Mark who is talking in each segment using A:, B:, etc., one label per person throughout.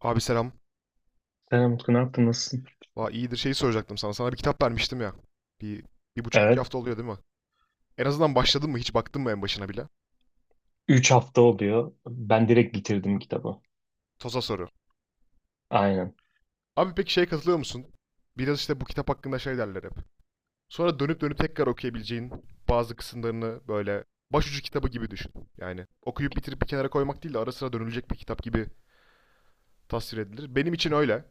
A: Abi selam.
B: Selam Utku, ne yaptın? Nasılsın?
A: Valla iyidir şeyi soracaktım sana. Sana bir kitap vermiştim ya. Bir, bir buçuk iki
B: Evet.
A: hafta oluyor değil mi? En azından başladın mı? Hiç baktın mı en başına bile?
B: Üç hafta oluyor. Ben direkt bitirdim kitabı.
A: Toza soru.
B: Aynen.
A: Abi peki şeye katılıyor musun? Biraz işte bu kitap hakkında şey derler hep. Sonra dönüp dönüp tekrar okuyabileceğin bazı kısımlarını böyle başucu kitabı gibi düşün. Yani okuyup bitirip bir kenara koymak değil de ara sıra dönülecek bir kitap gibi tasvir edilir. Benim için öyle.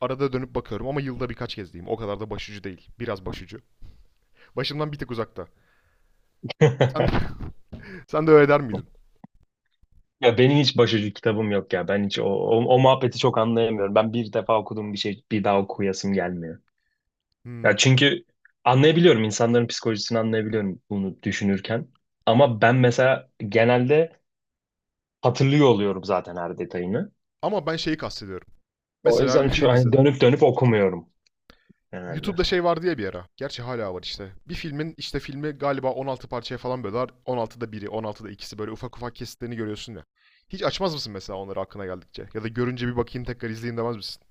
A: Arada dönüp bakıyorum ama yılda birkaç kez diyeyim. O kadar da başucu değil. Biraz başucu. Başımdan bir tık uzakta. Sen de, sen de öyle der miydin?
B: Ya benim hiç başucu kitabım yok ya. Ben hiç o muhabbeti çok anlayamıyorum. Ben bir defa okuduğum bir şey bir daha okuyasım gelmiyor.
A: Hmm.
B: Ya çünkü anlayabiliyorum. İnsanların psikolojisini anlayabiliyorum bunu düşünürken. Ama ben mesela genelde hatırlıyor oluyorum zaten her detayını.
A: Ama ben şeyi kastediyorum.
B: O
A: Mesela bir
B: yüzden çok,
A: film
B: hani
A: izledim.
B: dönüp dönüp okumuyorum genelde.
A: YouTube'da şey vardı ya bir ara. Gerçi hala var işte. Bir filmin işte filmi galiba 16 parçaya falan bölüyorlar. 16'da biri, 16'da ikisi böyle ufak ufak kesitlerini görüyorsun ya. Hiç açmaz mısın mesela onları aklına geldikçe? Ya da görünce bir bakayım tekrar izleyeyim demez misin?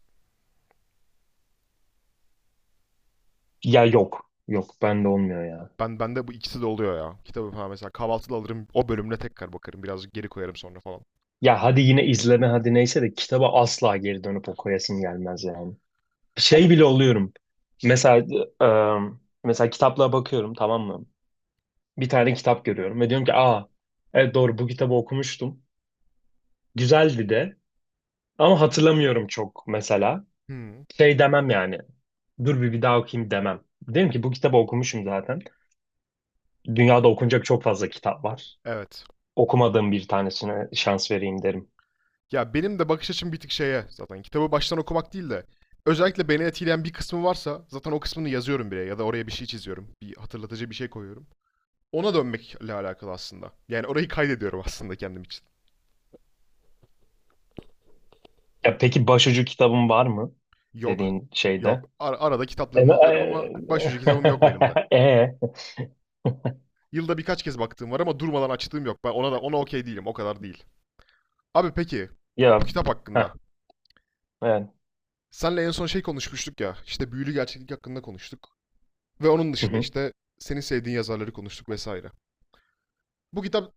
B: Ya yok. Yok bende olmuyor.
A: Bende bu ikisi de oluyor ya. Kitabı falan mesela kahvaltıda alırım, o bölümüne tekrar bakarım. Birazcık geri koyarım sonra falan.
B: Ya hadi yine izleme hadi neyse de kitaba asla geri dönüp okuyasım gelmez yani. Şey
A: Abi-
B: bile oluyorum. Mesela e, kitaplara bakıyorum, tamam mı? Bir tane kitap görüyorum ve diyorum ki, aa, evet doğru, bu kitabı okumuştum. Güzeldi de ama hatırlamıyorum çok mesela.
A: Hmm,
B: Şey demem yani. Dur, bir daha okuyayım demem. Derim ki bu kitabı okumuşum zaten. Dünyada okunacak çok fazla kitap var.
A: evet.
B: Okumadığım bir tanesine şans vereyim derim.
A: Ya benim de bakış açım bir tık şeye zaten kitabı baştan okumak değil de özellikle beni etkileyen bir kısmı varsa zaten o kısmını yazıyorum bile ya da oraya bir şey çiziyorum. Bir hatırlatıcı bir şey koyuyorum. Ona dönmekle alakalı aslında. Yani orayı kaydediyorum aslında kendim için.
B: Ya peki başucu kitabın var mı
A: Yok.
B: dediğin şeyde?
A: Yok. Arada kitaplığını
B: Evet,
A: alırım ama başucu kitabım yok benim de.
B: E, e, e,
A: Yılda birkaç kez baktığım var ama durmadan açtığım yok. Ben ona da ona okey değilim. O kadar değil. Abi peki bu
B: ya
A: kitap
B: heh,
A: hakkında.
B: evet.
A: Senle en son şey konuşmuştuk ya. İşte büyülü gerçeklik hakkında konuştuk. Ve onun
B: Hı
A: dışında
B: hı.
A: işte senin sevdiğin yazarları konuştuk vesaire. Bu kitap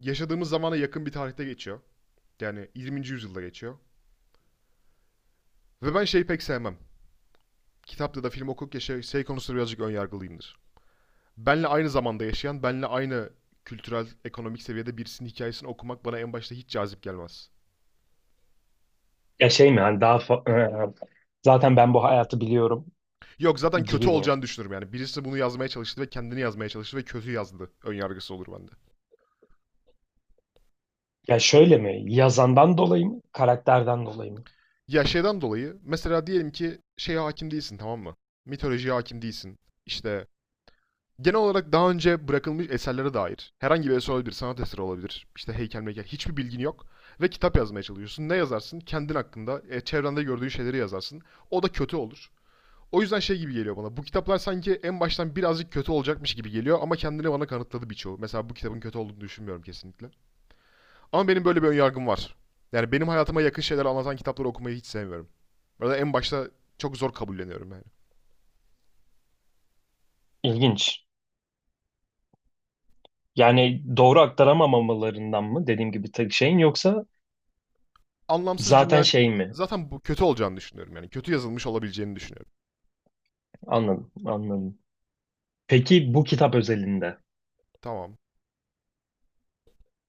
A: yaşadığımız zamana yakın bir tarihte geçiyor. Yani 20. yüzyılda geçiyor. Ve ben şeyi pek sevmem. Kitapta da film okurken şey konusunda birazcık önyargılıyımdır. Benle aynı zamanda yaşayan, benle aynı kültürel, ekonomik seviyede birisinin hikayesini okumak bana en başta hiç cazip gelmez.
B: Ya şey mi, hani daha e, zaten ben bu hayatı biliyorum
A: Yok zaten kötü
B: gibi mi?
A: olacağını düşünürüm yani. Birisi bunu yazmaya çalıştı ve kendini yazmaya çalıştı ve kötü yazdı. Önyargısı olur bende.
B: Ya şöyle mi? Yazandan dolayı mı? Karakterden dolayı mı?
A: Ya şeyden dolayı mesela diyelim ki şeye hakim değilsin tamam mı? Mitolojiye hakim değilsin. İşte genel olarak daha önce bırakılmış eserlere dair herhangi bir eser olabilir, sanat eseri olabilir, işte heykel meykel hiçbir bilgin yok ve kitap yazmaya çalışıyorsun. Ne yazarsın? Kendin hakkında, çevrende gördüğün şeyleri yazarsın. O da kötü olur. O yüzden şey gibi geliyor bana. Bu kitaplar sanki en baştan birazcık kötü olacakmış gibi geliyor ama kendini bana kanıtladı birçoğu. Mesela bu kitabın kötü olduğunu düşünmüyorum kesinlikle. Ama benim böyle bir önyargım var. Yani benim hayatıma yakın şeyler anlatan kitapları okumayı hiç sevmiyorum. Burada en başta çok zor kabulleniyorum yani.
B: İlginç. Yani doğru aktaramamalarından mı, dediğim gibi tek şeyin, yoksa
A: Anlamsız
B: zaten
A: cümleler
B: şey mi?
A: zaten bu kötü olacağını düşünüyorum yani. Kötü yazılmış olabileceğini düşünüyorum.
B: Anladım, anladım. Peki bu kitap özelinde
A: Tamam.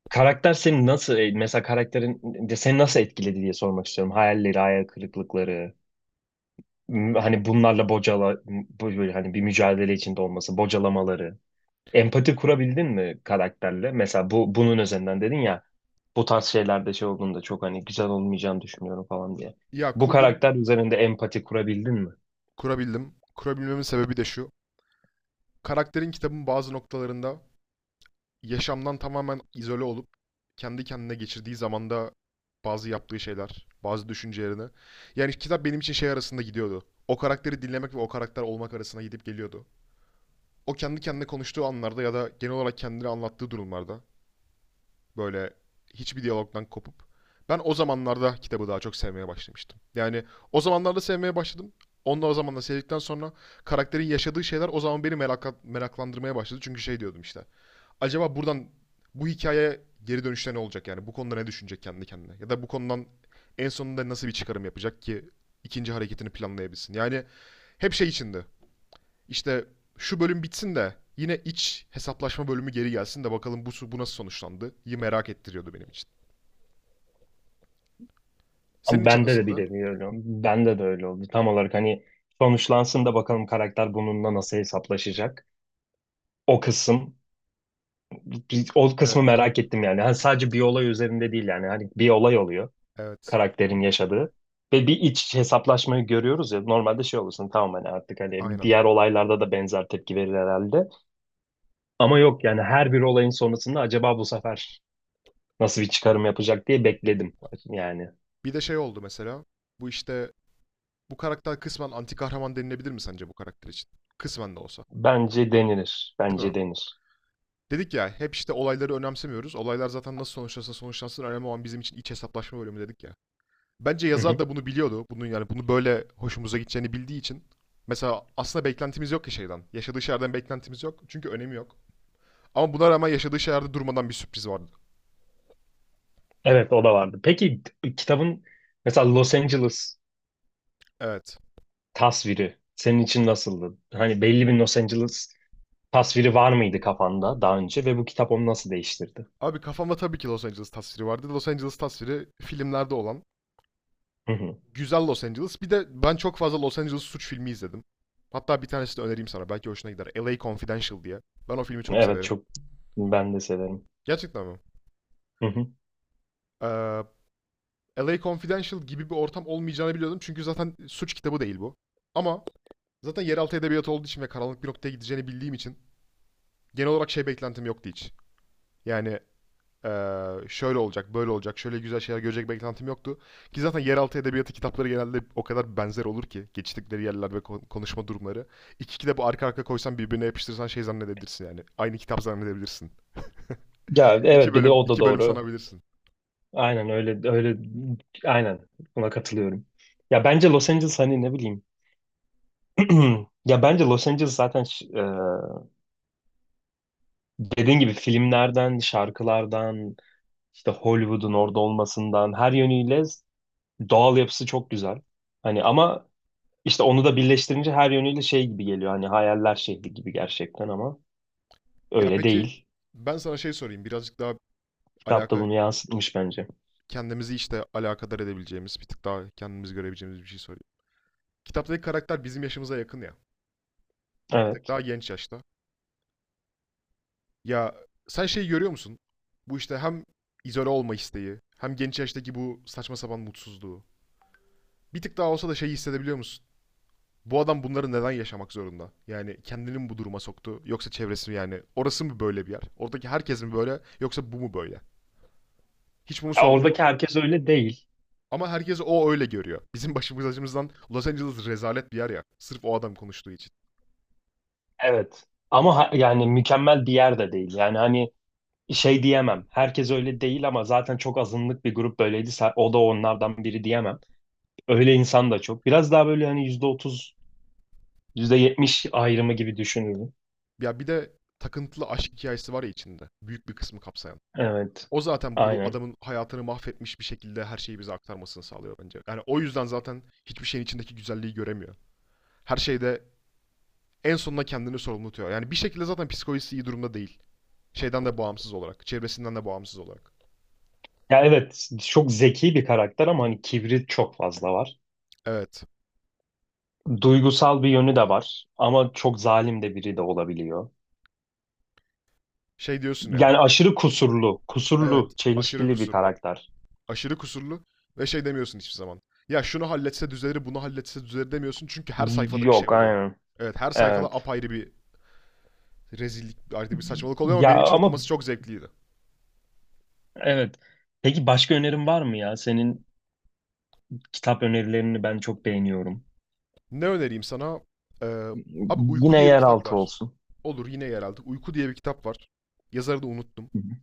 B: karakter seni nasıl e, mesela karakterin de seni nasıl etkiledi diye sormak istiyorum. Hayalleri, hayal kırıklıkları, hani bunlarla böyle hani bir mücadele içinde olması, bocalamaları. Empati kurabildin mi karakterle? Mesela bunun üzerinden dedin ya, bu tarz şeylerde şey olduğunda çok hani güzel olmayacağını düşünüyorum falan diye.
A: Ya
B: Bu
A: kurdum,
B: karakter üzerinde empati kurabildin mi?
A: kurabildim. Kurabilmemin sebebi de şu. Karakterin kitabın bazı noktalarında yaşamdan tamamen izole olup kendi kendine geçirdiği zamanda bazı yaptığı şeyler, bazı düşüncelerini. Yani kitap benim için şey arasında gidiyordu. O karakteri dinlemek ve o karakter olmak arasında gidip geliyordu. O kendi kendine konuştuğu anlarda ya da genel olarak kendini anlattığı durumlarda böyle hiçbir diyalogdan kopup. Ben o zamanlarda kitabı daha çok sevmeye başlamıştım. Yani o zamanlarda sevmeye başladım. Onu da o zamanla sevdikten sonra karakterin yaşadığı şeyler o zaman beni meraklandırmaya başladı. Çünkü şey diyordum işte. Acaba buradan bu hikayeye geri dönüşte ne olacak yani? Bu konuda ne düşünecek kendi kendine? Ya da bu konudan en sonunda nasıl bir çıkarım yapacak ki ikinci hareketini planlayabilsin? Yani hep şey içinde. İşte şu bölüm bitsin de yine iç hesaplaşma bölümü geri gelsin de bakalım bu nasıl sonuçlandı? İyi merak ettiriyordu benim için. Senin
B: Ama
A: için
B: bende de bir
A: nasıldı?
B: nevi öyle oldu. Bende de öyle oldu. Tam olarak hani sonuçlansın da bakalım karakter bununla nasıl hesaplaşacak. O kısım, o kısmı
A: Evet,
B: merak ettim yani. Hani sadece bir olay üzerinde değil yani. Hani bir olay oluyor
A: evet.
B: karakterin yaşadığı. Ve bir iç hesaplaşmayı görüyoruz ya. Normalde şey olursun, tamam, hani artık hani
A: Aynen.
B: diğer olaylarda da benzer tepki verir herhalde. Ama yok yani, her bir olayın sonrasında acaba bu sefer nasıl bir çıkarım yapacak diye bekledim. Yani
A: Bir de şey oldu mesela. Bu işte bu karakter kısmen anti kahraman denilebilir mi sence bu karakter için? Kısmen de olsa.
B: bence denilir.
A: Değil
B: Bence
A: mi?
B: denir.
A: Dedik ya hep işte olayları önemsemiyoruz. Olaylar zaten nasıl sonuçlansa sonuçlansın önemli olan bizim için iç hesaplaşma bölümü dedik ya. Bence
B: Hı
A: yazar
B: hı.
A: da bunu biliyordu. Bunun yani bunu böyle hoşumuza gideceğini bildiği için. Mesela aslında beklentimiz yok ki şeyden. Yaşadığı şeylerden beklentimiz yok. Çünkü önemi yok. Ama buna rağmen yaşadığı şeylerde durmadan bir sürpriz vardı.
B: Evet, o da vardı. Peki kitabın mesela Los Angeles
A: Evet.
B: tasviri senin için nasıldı? Hani belli bir Los Angeles tasviri var mıydı kafanda daha önce ve bu kitap onu nasıl değiştirdi?
A: Abi kafamda tabii ki Los Angeles tasviri vardı. Los Angeles tasviri filmlerde olan
B: Hı hı.
A: güzel Los Angeles. Bir de ben çok fazla Los Angeles suç filmi izledim. Hatta bir tanesini önereyim sana. Belki hoşuna gider. LA Confidential diye. Ben o filmi çok
B: Evet,
A: severim.
B: çok, ben de severim.
A: Gerçekten mi?
B: Hı hı.
A: Ee, LA Confidential gibi bir ortam olmayacağını biliyordum. Çünkü zaten suç kitabı değil bu. Ama zaten yeraltı edebiyatı olduğu için ve karanlık bir noktaya gideceğini bildiğim için genel olarak şey beklentim yoktu hiç. Yani, Ee, şöyle olacak, böyle olacak, şöyle güzel şeyler görecek beklentim yoktu. Ki zaten yeraltı edebiyatı kitapları genelde o kadar benzer olur ki geçtikleri yerler ve konuşma durumları. İki kitabı arka arka koysan birbirine yapıştırsan şey zannedebilirsin yani. Aynı kitap zannedebilirsin.
B: Ya
A: İki
B: evet, bir de
A: bölüm,
B: o da
A: iki bölüm
B: doğru.
A: sanabilirsin.
B: Aynen öyle öyle, aynen, buna katılıyorum. Ya bence Los Angeles, hani ne bileyim. Ya bence Los Angeles zaten dediğin gibi filmlerden, şarkılardan, işte Hollywood'un orada olmasından, her yönüyle doğal yapısı çok güzel. Hani ama işte onu da birleştirince her yönüyle şey gibi geliyor. Hani hayaller şehri gibi gerçekten ama.
A: Ya
B: Öyle
A: peki
B: değil.
A: ben sana şey sorayım. Birazcık daha
B: Kitap da
A: alaka
B: bunu yansıtmış bence.
A: kendimizi işte alakadar edebileceğimiz, bir tık daha kendimizi görebileceğimiz bir şey sorayım. Kitaptaki karakter bizim yaşımıza yakın ya. Bir tık
B: Evet.
A: daha genç yaşta. Ya sen şeyi görüyor musun? Bu işte hem izole olma isteği, hem genç yaştaki bu saçma sapan mutsuzluğu. Bir tık daha olsa da şeyi hissedebiliyor musun? Bu adam bunları neden yaşamak zorunda? Yani kendini mi bu duruma soktu? Yoksa çevresi mi yani? Orası mı böyle bir yer? Oradaki herkes mi böyle? Yoksa bu mu böyle? Hiç bunu
B: Ya
A: sordun mu?
B: oradaki herkes öyle değil.
A: Ama herkes o öyle görüyor. Bizim başımız acımızdan Los Angeles rezalet bir yer ya. Sırf o adam konuştuğu için.
B: Evet. Ama yani mükemmel bir yer de değil. Yani hani şey diyemem. Herkes öyle değil ama zaten çok azınlık bir grup böyleydi. O da onlardan biri diyemem. Öyle insan da çok. Biraz daha böyle hani %30, yüzde yetmiş ayrımı gibi düşünürüm.
A: Ya bir de takıntılı aşk hikayesi var ya içinde. Büyük bir kısmı kapsayan.
B: Evet.
A: O zaten bu
B: Aynen.
A: adamın hayatını mahvetmiş bir şekilde her şeyi bize aktarmasını sağlıyor bence. Yani o yüzden zaten hiçbir şeyin içindeki güzelliği göremiyor. Her şeyde en sonunda kendini sorumlu tutuyor. Yani bir şekilde zaten psikolojisi iyi durumda değil. Şeyden de bağımsız olarak. Çevresinden de bağımsız olarak.
B: Ya evet, çok zeki bir karakter ama hani kibri çok fazla var.
A: Evet.
B: Duygusal bir yönü de var ama çok zalim de biri de olabiliyor.
A: Şey diyorsun ya.
B: Yani aşırı kusurlu, kusurlu,
A: Evet. Aşırı
B: çelişkili bir
A: kusurlu.
B: karakter.
A: Aşırı kusurlu ve şey demiyorsun hiçbir zaman. Ya şunu halletse düzelir, bunu halletse düzelir demiyorsun çünkü her sayfada bir şey
B: Yok
A: oluyor.
B: aynen.
A: Evet, her sayfada
B: Evet.
A: apayrı bir rezillik, ayrı bir saçmalık oluyor ama
B: Ya
A: benim için
B: ama,
A: okuması çok zevkliydi.
B: evet. Peki başka önerin var mı ya? Senin kitap önerilerini ben çok beğeniyorum.
A: Ne önereyim sana? Ee, abi Uyku
B: Yine
A: diye bir kitap
B: yeraltı
A: var.
B: olsun.
A: Olur yine yerelde. Uyku diye bir kitap var. Yazarı da unuttum.
B: Hı hı.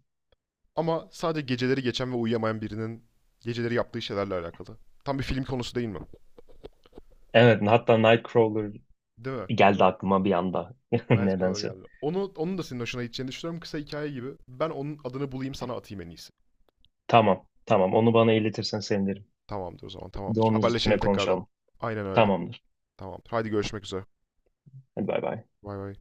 A: Ama sadece geceleri geçen ve uyuyamayan birinin geceleri yaptığı şeylerle alakalı. Tam bir film konusu değil mi?
B: Evet, hatta Nightcrawler
A: Değil mi? Değil
B: geldi
A: mi?
B: aklıma bir anda.
A: Nightcrawler
B: Nedense.
A: geldi. Onun da senin hoşuna gideceğini düşünüyorum. Kısa hikaye gibi. Ben onun adını bulayım sana atayım en iyisi.
B: Tamam, tamam. Onu bana iletirsen sevinirim.
A: Tamamdır o zaman
B: Bir de
A: tamamdır.
B: onun üstüne
A: Haberleşelim tekrardan.
B: konuşalım.
A: Aynen öyle.
B: Tamamdır.
A: Tamamdır. Haydi görüşmek üzere.
B: Hadi bay bay.
A: Bay bay.